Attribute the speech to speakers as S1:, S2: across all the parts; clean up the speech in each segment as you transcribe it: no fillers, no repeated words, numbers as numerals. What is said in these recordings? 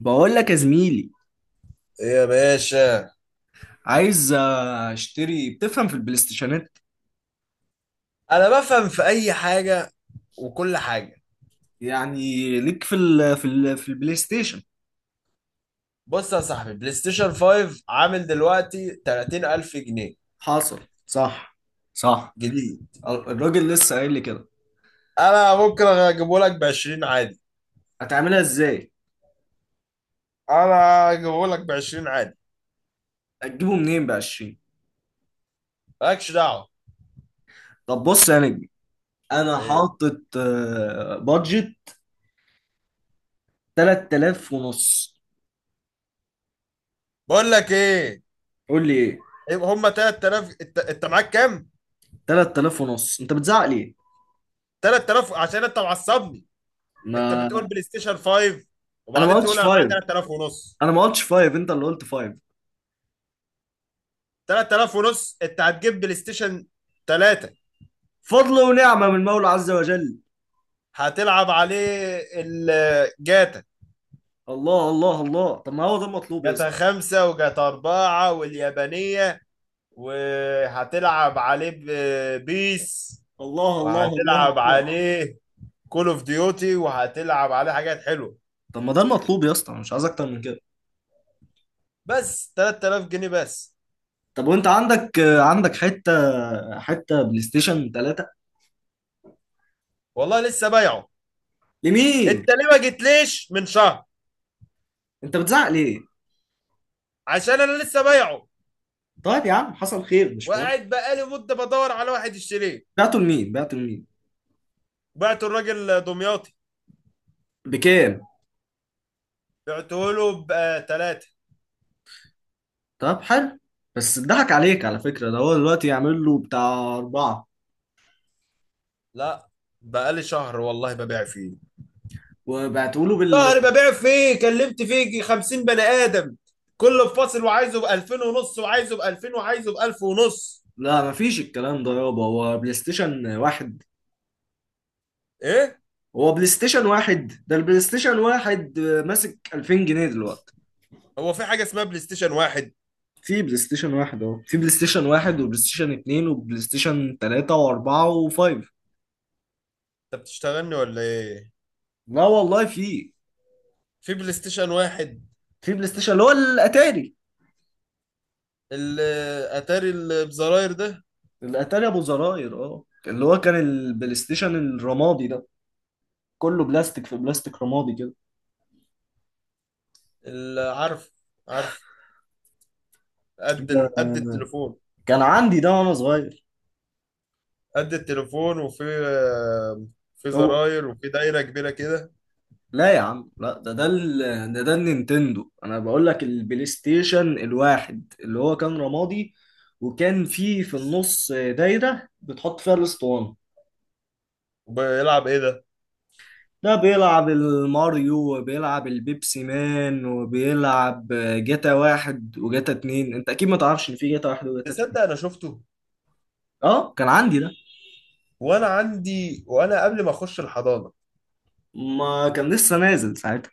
S1: بقول لك يا زميلي،
S2: ايه يا باشا.
S1: عايز اشتري. بتفهم في البلاي ستيشنات؟
S2: انا بفهم في اي حاجه وكل حاجه.
S1: يعني ليك في البلاي ستيشن.
S2: بص يا صاحبي، بلاي ستيشن 5 عامل دلوقتي 30000 جنيه
S1: حاصل. صح. صح.
S2: جديد.
S1: الراجل لسه قايل لي كده.
S2: انا ممكن اجيبه لك ب 20 عادي.
S1: هتعملها ازاي؟
S2: انا اجيبه لك ب 20 عادي.
S1: هتجيبه منين ب 20؟
S2: مالكش دعوه.
S1: طب بص يا نجم، انا
S2: ايه؟
S1: حاطط بادجت 3000 ونص.
S2: بقول لك ايه.
S1: قول لي ايه.
S2: إيه؟ هما 3000، انت معاك كام؟
S1: 3000 ونص، انت بتزعق ليه؟
S2: 3000 عشان انت معصبني. انت
S1: ما
S2: بتقول بلاي ستيشن 5
S1: انا ما
S2: وبعدين
S1: قلتش
S2: تقول انا
S1: فايف.
S2: معايا 3000 ونص.
S1: انا ما قلتش فايف، انت اللي قلت فايف.
S2: 3000 ونص انت هتجيب بلاي ستيشن 3؟
S1: فضل ونعمة من المولى عز وجل.
S2: هتلعب عليه الجاتا،
S1: الله الله الله، طب ما هو ده المطلوب يا
S2: جاتا
S1: اسطى.
S2: خمسة وجاتا أربعة واليابانية. وهتلعب عليه بيس،
S1: الله الله الله
S2: وهتلعب
S1: الله.
S2: عليه كول اوف ديوتي، وهتلعب عليه حاجات حلوة.
S1: طب ما ده المطلوب يا اسطى، أنا مش عايز اكتر من كده.
S2: بس 3000 جنيه بس.
S1: طب وانت عندك عندك حته، حته بلاي ستيشن 3؟
S2: والله لسه بايعه.
S1: لمين؟
S2: انت ليه ما جيتليش من شهر؟
S1: انت بتزعق ليه؟
S2: عشان انا لسه بايعه
S1: طيب يا عم، حصل خير، مش مهم.
S2: وقاعد بقالي مدة بدور على واحد يشتريه.
S1: بعته لمين؟ بعته لمين؟
S2: بعته الراجل دمياطي.
S1: بكام؟
S2: بعته له ب 3.
S1: طب حلو. بس اتضحك عليك على فكره، ده هو دلوقتي يعمل له بتاع اربعه.
S2: لا. بقالي شهر والله ببيع فيه.
S1: وبعتوا له
S2: شهر ببيع فيه، كلمت فيه 50 بني ادم، كله بفاصل وعايزه ب 2000 ونص، وعايزه ب 2000، وعايزه ب 1000 ونص.
S1: لا، مفيش الكلام ده يابا، هو بلاي ستيشن واحد.
S2: ايه؟
S1: هو بلاي ستيشن واحد، ده البلاي ستيشن واحد ماسك 2000 جنيه دلوقتي.
S2: هو في حاجه اسمها بلاي ستيشن واحد؟
S1: في بلاي ستيشن واحد اهو. في بلاي ستيشن واحد وبلاي ستيشن اتنين وبلاي ستيشن تلاتة واربعة وفايف.
S2: انت بتشتغلني ولا ايه؟
S1: لا والله في.
S2: في بلاي ستيشن واحد.
S1: في بلاي ستيشن اللي هو الاتاري.
S2: الاتاري اللي بزراير ده.
S1: الاتاري ابو زراير، اه، اللي هو كان البلاي ستيشن الرمادي ده، كله بلاستيك، في بلاستيك رمادي كده.
S2: اللي عارف، عارف. قد قد
S1: آه،
S2: التليفون.
S1: كان عندي ده وانا صغير.
S2: قد التليفون وفي
S1: هو
S2: زراير وفي دايره كبيره كده.
S1: لا يا عم لا، ده ده النينتندو. انا بقول لك البلاي ستيشن الواحد اللي هو كان رمادي، وكان فيه في النص دايرة بتحط فيها الاسطوانة.
S2: وبيلعب ايه ده؟
S1: ده بيلعب الماريو وبيلعب البيبسي مان وبيلعب جاتا واحد وجاتا اتنين. انت اكيد ما تعرفش ان في جاتا واحد وجاتا
S2: تصدق
S1: اتنين.
S2: انا شفته
S1: اه كان عندي ده.
S2: وانا عندي، وانا قبل ما اخش الحضانه
S1: ما كان لسه نازل ساعتها.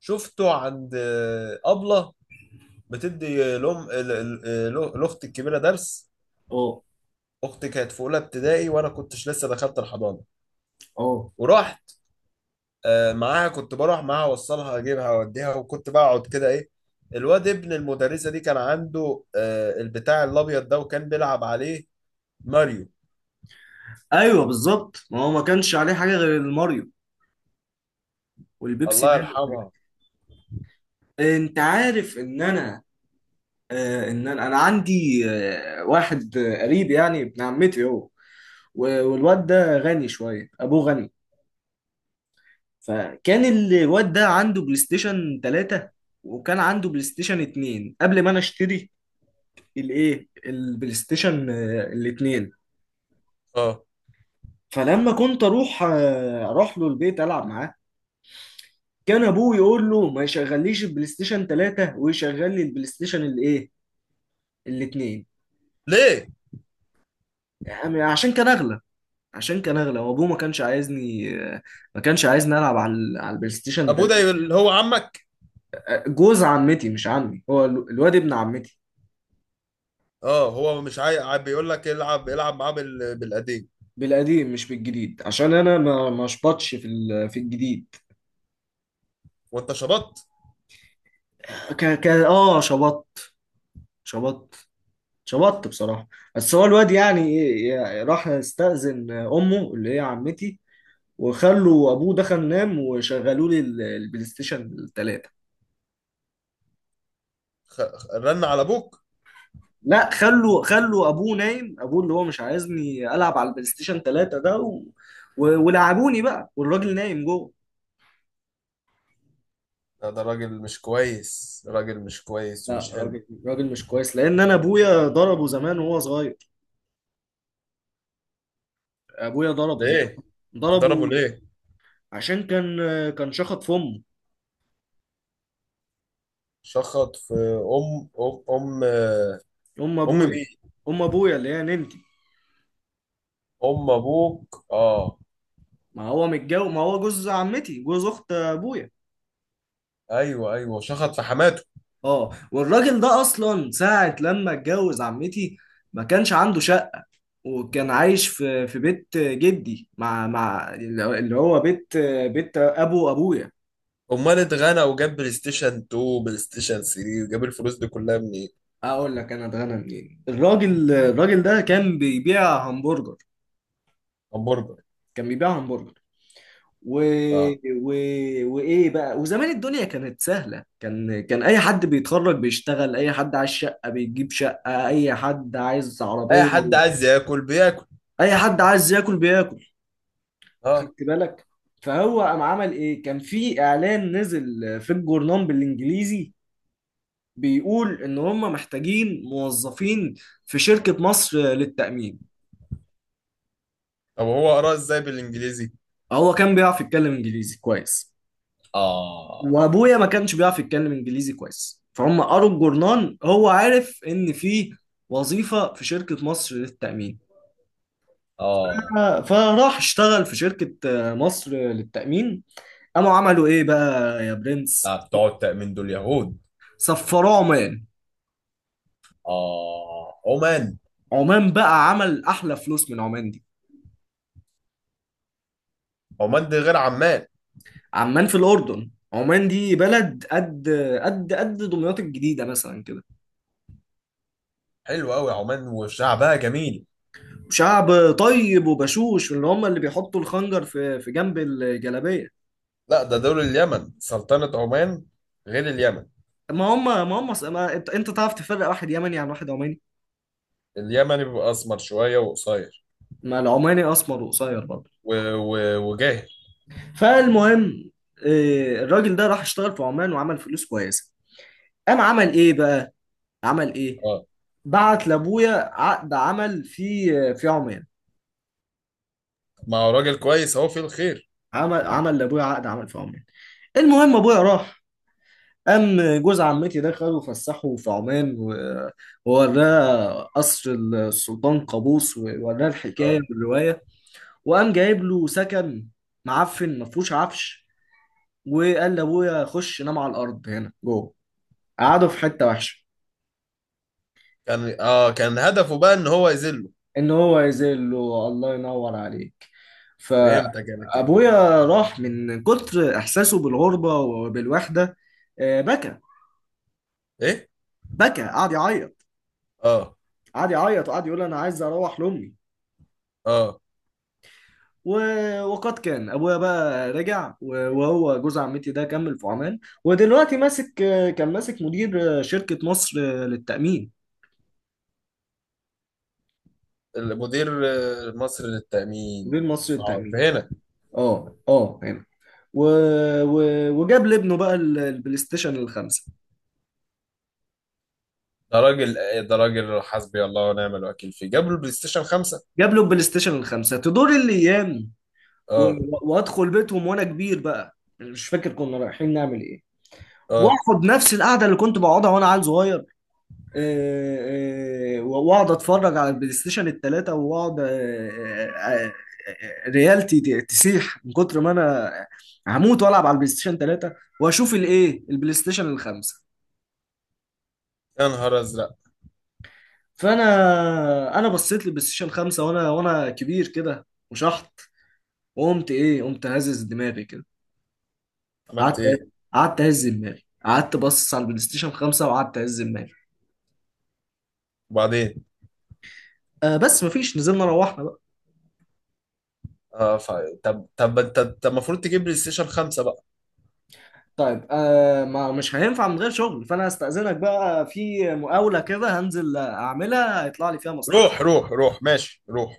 S2: شفته عند أبلة بتدي، لأم، لأختي الكبيرة درس.
S1: اه،
S2: أختي كانت في أولى ابتدائي وأنا كنتش لسه دخلت الحضانة.
S1: اه،
S2: ورحت معاها، كنت بروح معاها أوصلها أجيبها أوديها، وكنت بقعد كده، إيه. الواد ابن المدرسة دي كان عنده البتاع الأبيض ده وكان بيلعب عليه ماريو.
S1: ايوه بالظبط، ما هو ما كانش عليه حاجة غير الماريو والبيبسي
S2: الله
S1: مان.
S2: يرحمها.
S1: انت عارف ان انا، ان أنا عندي واحد قريب، يعني ابن عمتي هو. والواد ده غني شويه، ابوه غني. فكان الواد ده عنده بلاي ستيشن 3، وكان عنده بلاي ستيشن 2 قبل ما انا اشتري الايه البلاي ستيشن الاثنين.
S2: اه.
S1: فلما كنت اروح اروح له البيت العب معاه، كان ابوه يقول له ما يشغليش البلاي ستيشن 3، ويشغل لي البلاي ستيشن الايه الاثنين.
S2: ليه؟
S1: عشان كان اغلى. عشان كان اغلى وابوه ما كانش عايزني. ما كانش عايزني العب على البلاي ستيشن
S2: أبوه
S1: 3.
S2: ده اللي هو عمك؟
S1: جوز عمتي مش عمي، هو الواد ابن عمتي.
S2: اه، هو مش عايق، بيقول لك العب العب معاه بالقديم.
S1: بالقديم مش بالجديد، عشان انا ما شبطش في الجديد.
S2: وانت شبطت؟
S1: ك ك اه شبطت. شبطت. شبطت بصراحة. بس هو الواد يعني يعني راح استأذن امه اللي هي عمتي، وخلوا ابوه دخل نام وشغلوا لي البلاي ستيشن 3.
S2: رن على ابوك.
S1: لا، خلوا ابوه نايم، ابوه اللي هو مش عايزني العب على البلاي ستيشن 3 ده ولعبوني بقى والراجل نايم جوه.
S2: لا، ده راجل مش كويس، راجل مش كويس
S1: لا،
S2: ومش حلو.
S1: راجل مش كويس، لان انا ابويا ضربه زمان وهو صغير. ابويا ضربه زمان.
S2: ليه؟
S1: ضربه
S2: ضربه ليه؟
S1: عشان كان شخط في امه.
S2: شخط في ام.
S1: ام
S2: ام
S1: ابويا.
S2: مين؟
S1: ام ابويا اللي هي ننتي.
S2: ام ابوك، اه.
S1: ما هو متجوز، ما هو جوز عمتي، جوز اخت ابويا.
S2: ايوه، ايوه، شخط في حماته.
S1: اه والراجل ده اصلا ساعة لما اتجوز عمتي ما كانش عنده شقة. وكان عايش في بيت جدي مع اللي هو بيت، بيت ابو ابويا.
S2: امال اتغنى وجاب بلاي ستيشن 2، بلاي ستيشن 3، وجاب الفلوس دي كلها منين؟
S1: اقول لك انا اتغنى منين. الراجل ده كان بيبيع همبرجر.
S2: همبرجر.
S1: كان بيبيع همبرجر و...
S2: اه.
S1: و... وايه بقى. وزمان الدنيا كانت سهله، كان اي حد بيتخرج بيشتغل، اي حد عايز شقه بيجيب شقه، اي حد عايز
S2: اي
S1: عربيه،
S2: حد عايز ياكل بياكل.
S1: اي حد عايز ياكل بياكل.
S2: اه.
S1: خدت بالك. فهو قام عمل ايه، كان في اعلان نزل في الجورنال بالانجليزي، بيقول ان هم محتاجين موظفين في شركة مصر للتأمين.
S2: طب هو قراه ازاي بالانجليزي؟
S1: هو كان بيعرف يتكلم انجليزي كويس،
S2: اه.
S1: وابويا ما كانش بيعرف يتكلم انجليزي كويس، فهم قروا الجورنال، هو عارف ان في وظيفة في شركة مصر للتأمين.
S2: اه.
S1: فراح اشتغل في شركة مصر للتأمين. قاموا عملوا ايه بقى يا برنس،
S2: لا، بتوع التأمين دول يهود.
S1: سفروه عمان.
S2: اه، عمان.
S1: عمان بقى عمل احلى فلوس من عمان دي.
S2: عمان دي غير عمان.
S1: عمان في الاردن، عمان دي بلد قد دمياط الجديده مثلا كده.
S2: حلو قوي، عمان وشعبها جميل.
S1: شعب طيب وبشوش اللي هم اللي بيحطوا الخنجر في جنب الجلابيه.
S2: لا، ده دول اليمن، سلطنة عمان غير اليمن.
S1: ما هم، ما هم، ما انت تعرف تفرق واحد يمني عن واحد عماني.
S2: اليمن بيبقى اسمر شوية وقصير
S1: ما العماني اسمر وقصير برضه.
S2: وجاهل.
S1: فالمهم، الراجل ده راح اشتغل في عمان وعمل فلوس كويسه. قام عمل ايه بقى. عمل ايه.
S2: اه.
S1: بعت لابويا عقد عمل في عمان.
S2: ما هو راجل كويس، هو في الخير.
S1: عمل لابويا عقد عمل في عمان. المهم ابويا راح. قام جوز عمتي ده خده وفسحه في عمان، ووراه قصر السلطان قابوس ووراه الحكايه
S2: اه.
S1: والروايه، وقام جايب له سكن معفن، ما فيهوش عفش، وقال لابويا خش نام على الارض هنا جوه، قعده في حته وحشه.
S2: كان هدفه بقى ان هو يذله.
S1: ان هو يزيل له. الله ينور عليك.
S2: فهمتك انا كده.
S1: فابويا راح من كتر احساسه بالغربه وبالوحده، بكى.
S2: ايه.
S1: بكى، قعد يعيط.
S2: اه.
S1: قعد يعيط وقعد يقول انا عايز اروح لامي
S2: اه.
S1: و... وقد كان. ابويا بقى رجع، وهو جوز عمتي ده كمل في عمان. ودلوقتي ماسك. كان ماسك مدير شركة مصر للتأمين.
S2: المدير، مصر للتأمين.
S1: مدير مصر
S2: ف-
S1: للتأمين.
S2: فهنا.
S1: اه اه هنا و... و... وجاب لابنه بقى البلاي ستيشن الخمسة.
S2: ده راجل، ده راجل حسبي الله ونعم الوكيل، فيه جاب له البلاي ستيشن 5.
S1: جاب له البلاي ستيشن الخمسة. تدور الايام و...
S2: اه.
S1: وادخل بيتهم وانا كبير بقى، مش فاكر كنا رايحين نعمل ايه.
S2: اه.
S1: واخد نفس القعدة اللي كنت بقعدها وانا عيل صغير. واقعد اتفرج على البلاي ستيشن الثلاثه واقعد، ريالتي تسيح من كتر ما انا هموت والعب على البلاي ستيشن 3 واشوف الايه البلاي ستيشن الخمسه.
S2: يا نهار ازرق.
S1: فانا انا بصيت للبلاي ستيشن 5، وانا كبير كده وشحط، وقمت ايه، قمت هزز دماغي كده.
S2: عملت
S1: قعدت.
S2: ايه؟
S1: قعدت اهز دماغي. قعدت بص على البلاي ستيشن 5 وقعدت اهز دماغي.
S2: وبعدين؟
S1: بس مفيش، نزلنا روحنا بقى.
S2: اه، طب، انت، طب، المفروض تجيب بلاي ستيشن 5 بقى.
S1: طيب، ما مش هينفع من غير شغل، فانا هستأذنك بقى في مقاولة كده هنزل اعملها هيطلع لي فيها
S2: روح
S1: مصلحة.
S2: روح روح، ماشي، روح.